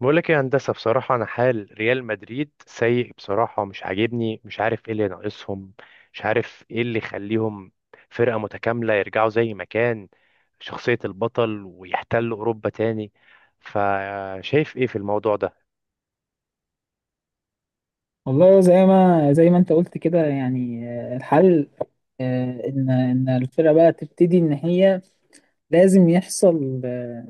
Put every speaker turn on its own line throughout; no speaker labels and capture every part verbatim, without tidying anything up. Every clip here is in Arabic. بقول لك ايه يا هندسه؟ بصراحه انا حال ريال مدريد سيء، بصراحه مش عاجبني، مش عارف ايه اللي ناقصهم، مش عارف ايه اللي يخليهم فرقه متكامله يرجعوا زي ما كان شخصيه البطل ويحتلوا اوروبا تاني. فشايف ايه في الموضوع ده؟
والله زي ما زي ما انت قلت كده يعني آه، الحل. آه، ان ان الفرقه بقى تبتدي ان هي لازم يحصل آه،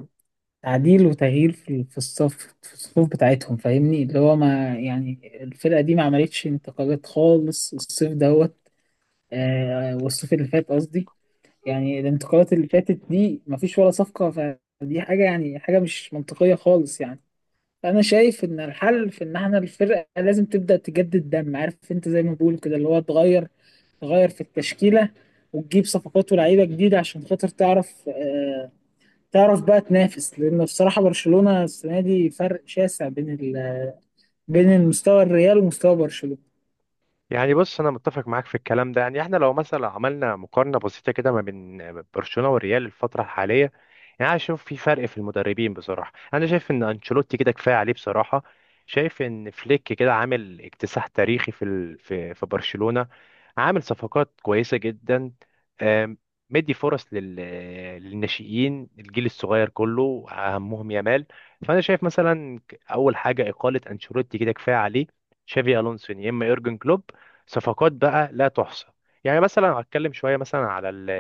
تعديل وتغيير في في الصف، في الصفوف بتاعتهم، فاهمني؟ اللي هو ما يعني الفرقه دي ما عملتش انتقالات خالص الصيف دوت. آه، والصيف اللي فات قصدي، يعني الانتقالات اللي فاتت دي ما فيش ولا صفقه، فدي حاجه يعني حاجه مش منطقيه خالص يعني. انا شايف ان الحل في ان احنا الفرقه لازم تبدا تجدد دم، عارف انت؟ زي ما بقول كده اللي هو تغير تغير في التشكيله، وتجيب صفقات ولاعيبه جديده عشان خاطر تعرف آه، تعرف بقى تنافس. لان بصراحه برشلونه السنه دي فرق شاسع بين ال... بين المستوى الريال ومستوى برشلونه.
يعني بص، انا متفق معاك في الكلام ده. يعني احنا لو مثلا عملنا مقارنه بسيطه كده ما بين برشلونه والريال الفتره الحاليه، يعني انا شايف في فرق في المدربين، بصراحه انا شايف ان انشيلوتي كده كفايه عليه، بصراحه شايف ان فليك كده عامل اكتساح تاريخي في ال... في في برشلونه، عامل صفقات كويسه جدا، آم، مدي فرص لل... للناشئين، الجيل الصغير كله اهمهم يامال. فانا شايف مثلا اول حاجه اقاله انشيلوتي كده كفايه عليه، تشافي الونسو يا اما يورجن كلوب، صفقات بقى لا تحصى. يعني مثلا هتكلم شويه مثلا على ال-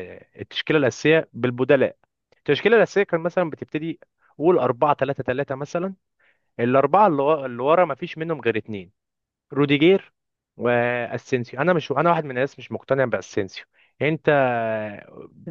التشكيله الاساسيه بالبدلاء. التشكيله الاساسيه كان مثلا بتبتدي قول أربعة ثلاثة ثلاثة مثلا، الاربعه اللي وا- اللي ورا ما فيش منهم غير اتنين، روديجير واسينسيو. انا مش، انا واحد من الناس مش مقتنع باسينسيو. انت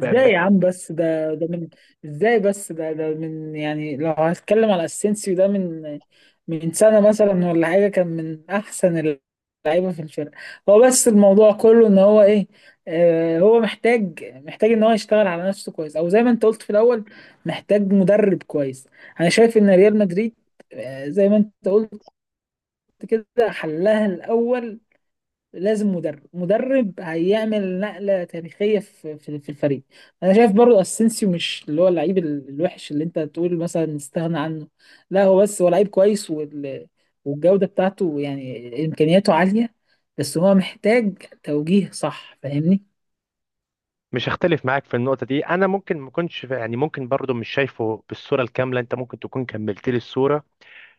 ب... ب...
يا عم؟ بس ده ده من، ازاي بس؟ ده ده من يعني، لو هتكلم على اسينسيو ده من من سنة مثلا ولا حاجة كان من أحسن اللعيبة في الفرقة. هو بس الموضوع كله إن هو إيه، آه، هو محتاج محتاج إن هو يشتغل على نفسه كويس، أو زي ما أنت قلت في الأول، محتاج مدرب كويس. أنا شايف إن ريال مدريد، آه، زي ما أنت قلت كده، حلها الأول لازم مدرب مدرب هيعمل نقلة تاريخية في في في الفريق. انا شايف برضو اسينسيو مش اللي هو اللعيب ال- الوحش اللي انت تقول مثلا استغنى عنه، لا، هو بس هو لعيب كويس وال... والجودة بتاعته يعني امكانياته عالية، بس هو محتاج توجيه صح، فاهمني؟
مش هختلف معاك في النقطه دي. انا ممكن ما كنتش، يعني ممكن برضو مش شايفه بالصوره الكامله، انت ممكن تكون كملت لي الصوره.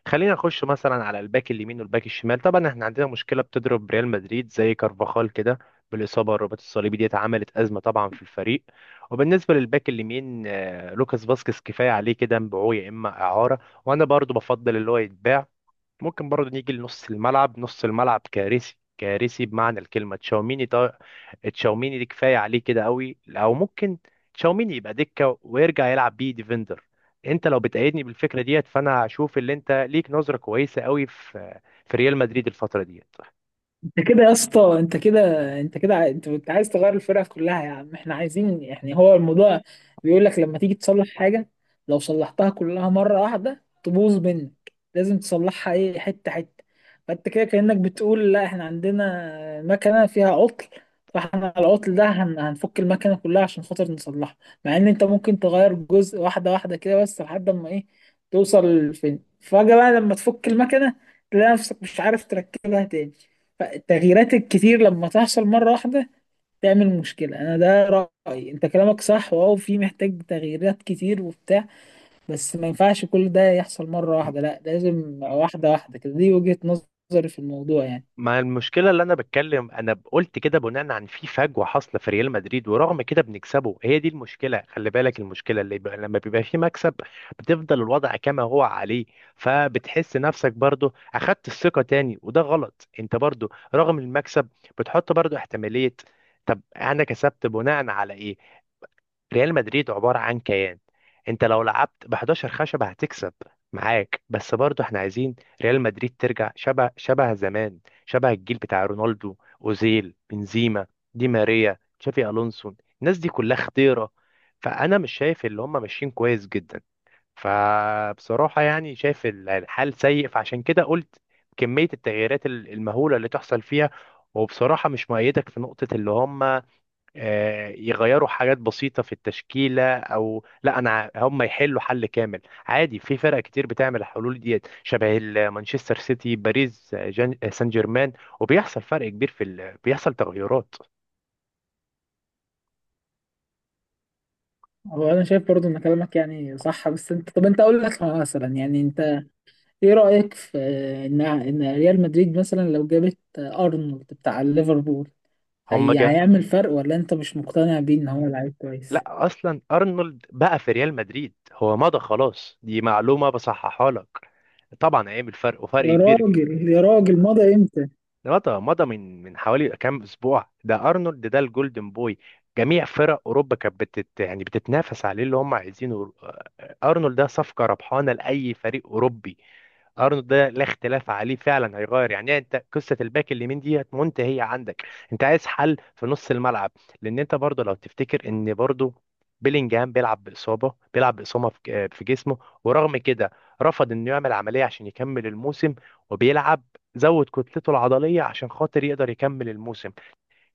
خلينا نخش مثلا على الباك اليمين والباك الشمال. طبعا احنا عندنا مشكله بتضرب ريال مدريد زي كارفاخال كده بالاصابه، الرباط الصليبي ديت عملت ازمه طبعا في الفريق. وبالنسبه للباك اليمين، آه، لوكاس فاسكيز كفايه عليه كده، مبيعوه يا اما اعاره، وانا برضو بفضل اللي هو يتباع. ممكن برضو نيجي لنص الملعب، نص الملعب كارثي، كارثي بمعنى الكلمه، تشاوميني، تشاوميني دي كفايه عليه كده قوي، او ممكن تشاوميني يبقى دكه ويرجع يلعب بيه ديفندر. انت لو بتأيدني بالفكره ديت فانا هشوف اللي انت ليك نظره كويسه قوي في في ريال مدريد الفتره ديت.
انت كده يا اسطى، انت كده، انت كده عاي- انت بت- عايز تغير الفرقه كلها يا عم. احنا عايزين يعني، هو الموضوع بيقول لك لما تيجي تصلح حاجه، لو صلحتها كلها مره واحده تبوظ منك، لازم تصلحها ايه، حته حته. فانت كده كانك بتقول لا احنا عندنا مكنه فيها عطل، فاحنا على العطل ده هن- هنفك المكنه كلها عشان خاطر نصلحها، مع ان انت ممكن تغير جزء، واحده واحده كده، بس لحد ما ايه، توصل فين فجاه بقى لما تفك المكنه تلاقي نفسك مش عارف تركبها تاني. فالتغييرات الكتير لما تحصل مرة واحدة تعمل مشكلة. أنا ده رأيي، أنت كلامك صح واو في محتاج تغييرات كتير وبتاع، بس ما ينفعش كل ده يحصل مرة واحدة، لا لازم واحدة واحدة كده، دي وجهة نظري في الموضوع يعني.
ما المشكلة اللي أنا بتكلم، أنا قلت كده بناء عن في فجوة حاصلة في ريال مدريد ورغم كده بنكسبه، هي دي المشكلة، خلي بالك المشكلة اللي بقى لما بيبقى في مكسب بتفضل الوضع كما هو عليه. فبتحس نفسك برضو أخدت الثقة تاني وده غلط، أنت برضو رغم المكسب بتحط برضو احتمالية. طب أنا كسبت بناء على إيه؟ ريال مدريد عبارة عن كيان، انت لو لعبت ب حداشر خشبة هتكسب معاك، بس برضه احنا عايزين ريال مدريد ترجع شبه، شبه زمان، شبه الجيل بتاع رونالدو، اوزيل، بنزيما، دي ماريا، تشافي الونسو، الناس دي كلها خطيرة. فانا مش شايف اللي هم ماشيين كويس جدا، فبصراحة يعني شايف ال- الحال سيء، فعشان كده قلت كمية التغييرات ال- المهولة اللي تحصل فيها. وبصراحة مش مؤيدك في نقطة اللي هم، آه، يغيروا حاجات بسيطة في التشكيلة، أو لا أنا، ع- هم يحلوا حل كامل، عادي في فرق كتير بتعمل الحلول ديت، شبه ال- مانشستر سيتي، باريس آه، جان- آه، سان جيرمان. وبيحصل فرق كبير في ال... بيحصل تغيرات.
هو أنا شايف برضو إن كلامك يعني صح، بس أنت، طب أنت أقول لك مثلا يعني، أنت إيه رأيك في إن إن ريال مدريد مثلا لو جابت أرنولد بتاع ليفربول،
هم
هي
جا...
هيعمل فرق ولا أنت مش مقتنع بيه إن هو لعيب كويس؟
لا، أصلا أرنولد بقى في ريال مدريد، هو مضى خلاص، دي معلومة بصححها لك. طبعا هيعمل فرق وفرق
يا
كبير.
راجل، يا راجل، مضى إمتى؟
مضى، مضى من من حوالي كام اسبوع ده، ارنولد ده الجولدن بوي، جميع فرق اوروبا كانت بتت، يعني بتتنافس عليه، اللي هم عايزينه. آه، آه، ارنولد ده صفقه ربحانه لاي فريق اوروبي، ارنولد ده لا اختلاف عليه، فعلا هيغير يعني إيه؟ انت قصه الباك اليمين دي منتهيه عندك، انت عايز حل في نص الملعب. لان انت برضه لو تفتكر ان برضه بيلينجهام بيلعب باصابه، بيلعب باصابه في آه، في جسمه، ورغم كده رفض انه يعمل عمليه عشان يكمل الموسم وبيلعب، زود كتلته العضليه عشان خاطر يقدر يكمل الموسم.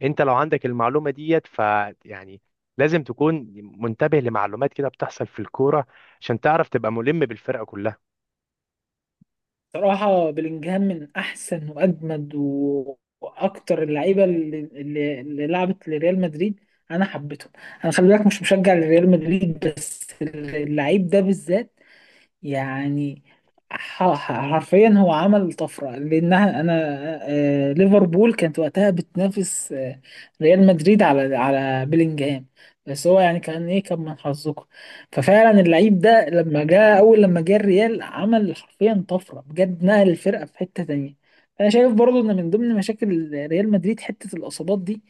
انت لو عندك المعلومه ديت ف، يعني لازم تكون منتبه لمعلومات كده بتحصل في الكوره عشان تعرف تبقى ملم بالفرقه كلها.
صراحة بلينجهام من أحسن وأجمد و- وأكتر اللعيبة اللي, اللي اللي لعبت لريال مدريد، أنا حبيتهم. أنا خلي بالك مش مشجع لريال مدريد، بس اللعيب ده بالذات يعني، ح- ح- حرفيا هو عمل طفرة لأنها أنا، آه، ليفربول كانت وقتها بتنافس آه، ريال مدريد على على بيلينجهام، بس هو يعني كان إيه، كان من حظكم. ففعلا اللعيب ده لما جاء أول، لما جه الريال عمل حرفيا طفرة بجد، نقل الفرقة في حتة تانية. أنا شايف برضو إن من ضمن مشاكل ريال مدريد حتة الإصابات دي.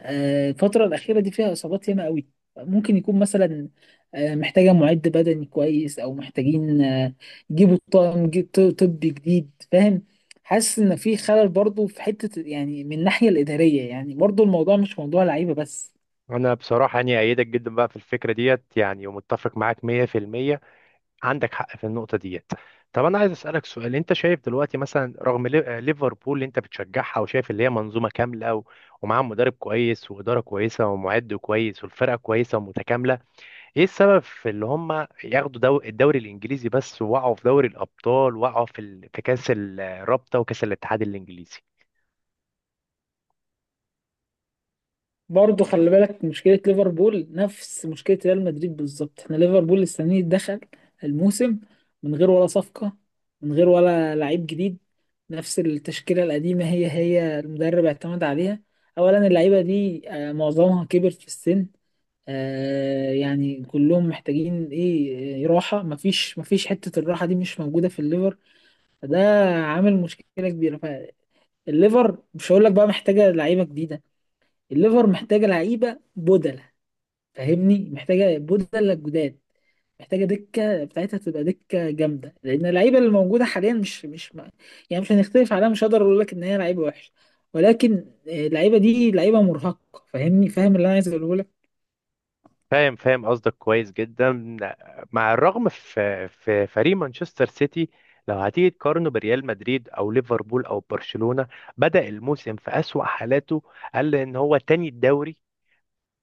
آه، الفترة الأخيرة دي فيها إصابات ياما قوي، ممكن يكون مثلا آه، محتاجة معد بدني كويس، أو محتاجين آه، يجيبوا طاقم ج- ط- طبي جديد، فاهم؟ حاسس إن في خلل برضو في حتة يعني من الناحية الإدارية، يعني برضو الموضوع مش موضوع لعيبة بس.
انا بصراحه يعني ايدك جدا بقى في الفكره ديت، يعني ومتفق معاك ميه في الميه، عندك حق في النقطه ديت. طب انا عايز اسالك سؤال، انت شايف دلوقتي مثلا رغم ليف- ليفربول اللي انت بتشجعها وشايف اللي هي منظومه كامله و، ومعاها مدرب كويس واداره كويسه ومعد كويس والفرقه كويسه ومتكامله، ايه السبب في اللي هم ياخدوا دو الدوري الانجليزي بس وقعوا في دوري الابطال، وقعوا في ال- في كاس الرابطه وكاس الاتحاد الانجليزي؟
برضه خلي بالك مشكلة ليفربول نفس مشكلة ريال مدريد بالظبط. احنا ليفربول السنة دي دخل الموسم من غير ولا صفقة، من غير ولا لعيب جديد، نفس التشكيلة القديمة هي هي المدرب اعتمد عليها. أولا اللعيبة دي آه، معظمها كبر في السن، آه، يعني كلهم محتاجين ايه، آه، راحة. مفيش مفيش حتة الراحة دي مش موجودة في الليفر، فده عامل مشكلة كبيرة. فالليفر مش هقول لك بقى محتاجة لعيبة جديدة، الليفر محتاجة لعيبة بدل، فاهمني؟ محتاجه بدل جداد، محتاجه دكه بتاعتها تبقى دكه جامده، لان اللعيبه اللي موجوده حاليا مش مش ما يعني، مش هنختلف عليها، مش هقدر اقول لك ان هي لعيبه وحشه، ولكن آه، اللعيبه دي لعيبه مرهقه، فاهمني؟ فاهم اللي انا عايز اقوله لك.
فاهم، فاهم قصدك كويس جدا. مع الرغم في في فريق مانشستر سيتي، لو هتيجي تقارنه بريال مدريد او ليفربول او برشلونة، بدأ الموسم في أسوأ حالاته، قال ان هو تاني الدوري،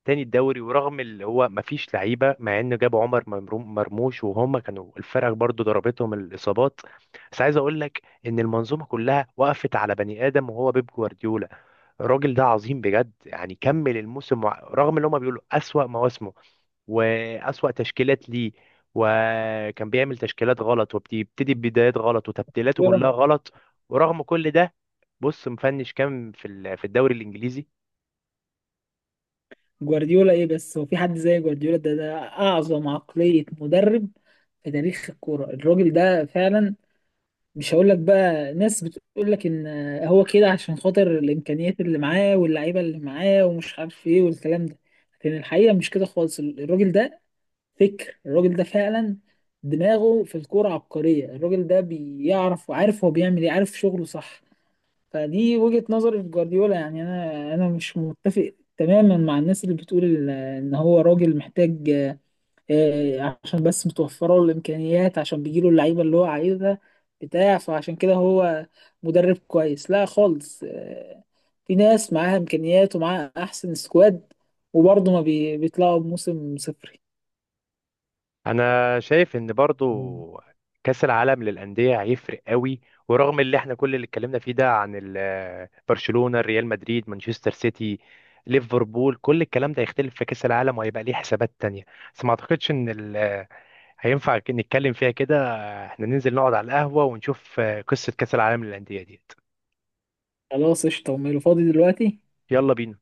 تاني الدوري ورغم اللي هو مفيش لعيبة، مع انه جاب عمر ممرو- مرموش، وهم كانوا الفرق برضو ضربتهم الإصابات. بس عايز اقول لك ان المنظومة كلها وقفت على بني آدم وهو بيب جوارديولا، الراجل ده عظيم بجد، يعني كمل الموسم وع- رغم اللي هم بيقولوا أسوأ مواسمه وأسوأ تشكيلات ليه، وكان بيعمل تشكيلات غلط وبيبتدي ببدايات غلط وتبديلاته
جوارديولا،
كلها غلط. ورغم كل ده بص مفنش كام في ال- في الدوري الإنجليزي.
جوارديولا ايه؟ بس هو في حد زي جوارديولا؟ ده ده اعظم عقليه مدرب في تاريخ الكوره. الراجل ده فعلا، مش هقول لك بقى، ناس بتقول لك ان هو كده عشان خاطر الامكانيات اللي معاه واللعيبه اللي معاه ومش عارف ايه والكلام ده، لكن الحقيقه مش كده خالص. الراجل ده فكر، الراجل ده فعلا دماغه في الكوره عبقريه، الراجل ده بيعرف، وعارف هو بيعمل ايه، عارف شغله صح. فدي وجهه نظري في جوارديولا يعني. انا انا مش متفق تماما مع الناس اللي بتقول ان هو راجل محتاج، آه، عشان بس متوفرة له الإمكانيات، عشان بيجيله اللعيبة اللي هو عايزها بتاع فعشان كده هو مدرب كويس. لا خالص، آه، في ناس معاها إمكانيات ومعاها أحسن سكواد، وبرضه ما بي- بيطلعوا بموسم صفري.
أنا شايف إن برضو كأس العالم للأندية هيفرق قوي، ورغم اللي احنا كل اللي اتكلمنا فيه ده عن ال- برشلونة، ريال مدريد، مانشستر سيتي، ليفربول، كل الكلام ده هيختلف في كأس العالم وهيبقى ليه حسابات تانية. بس ما اعتقدش ان ال- هينفع ك- نتكلم فيها كده، احنا ننزل نقعد على القهوة ونشوف آه، قصة كأس العالم للأندية ديت.
خلاص قشطة، أمي فاضي دلوقتي.
يلا بينا.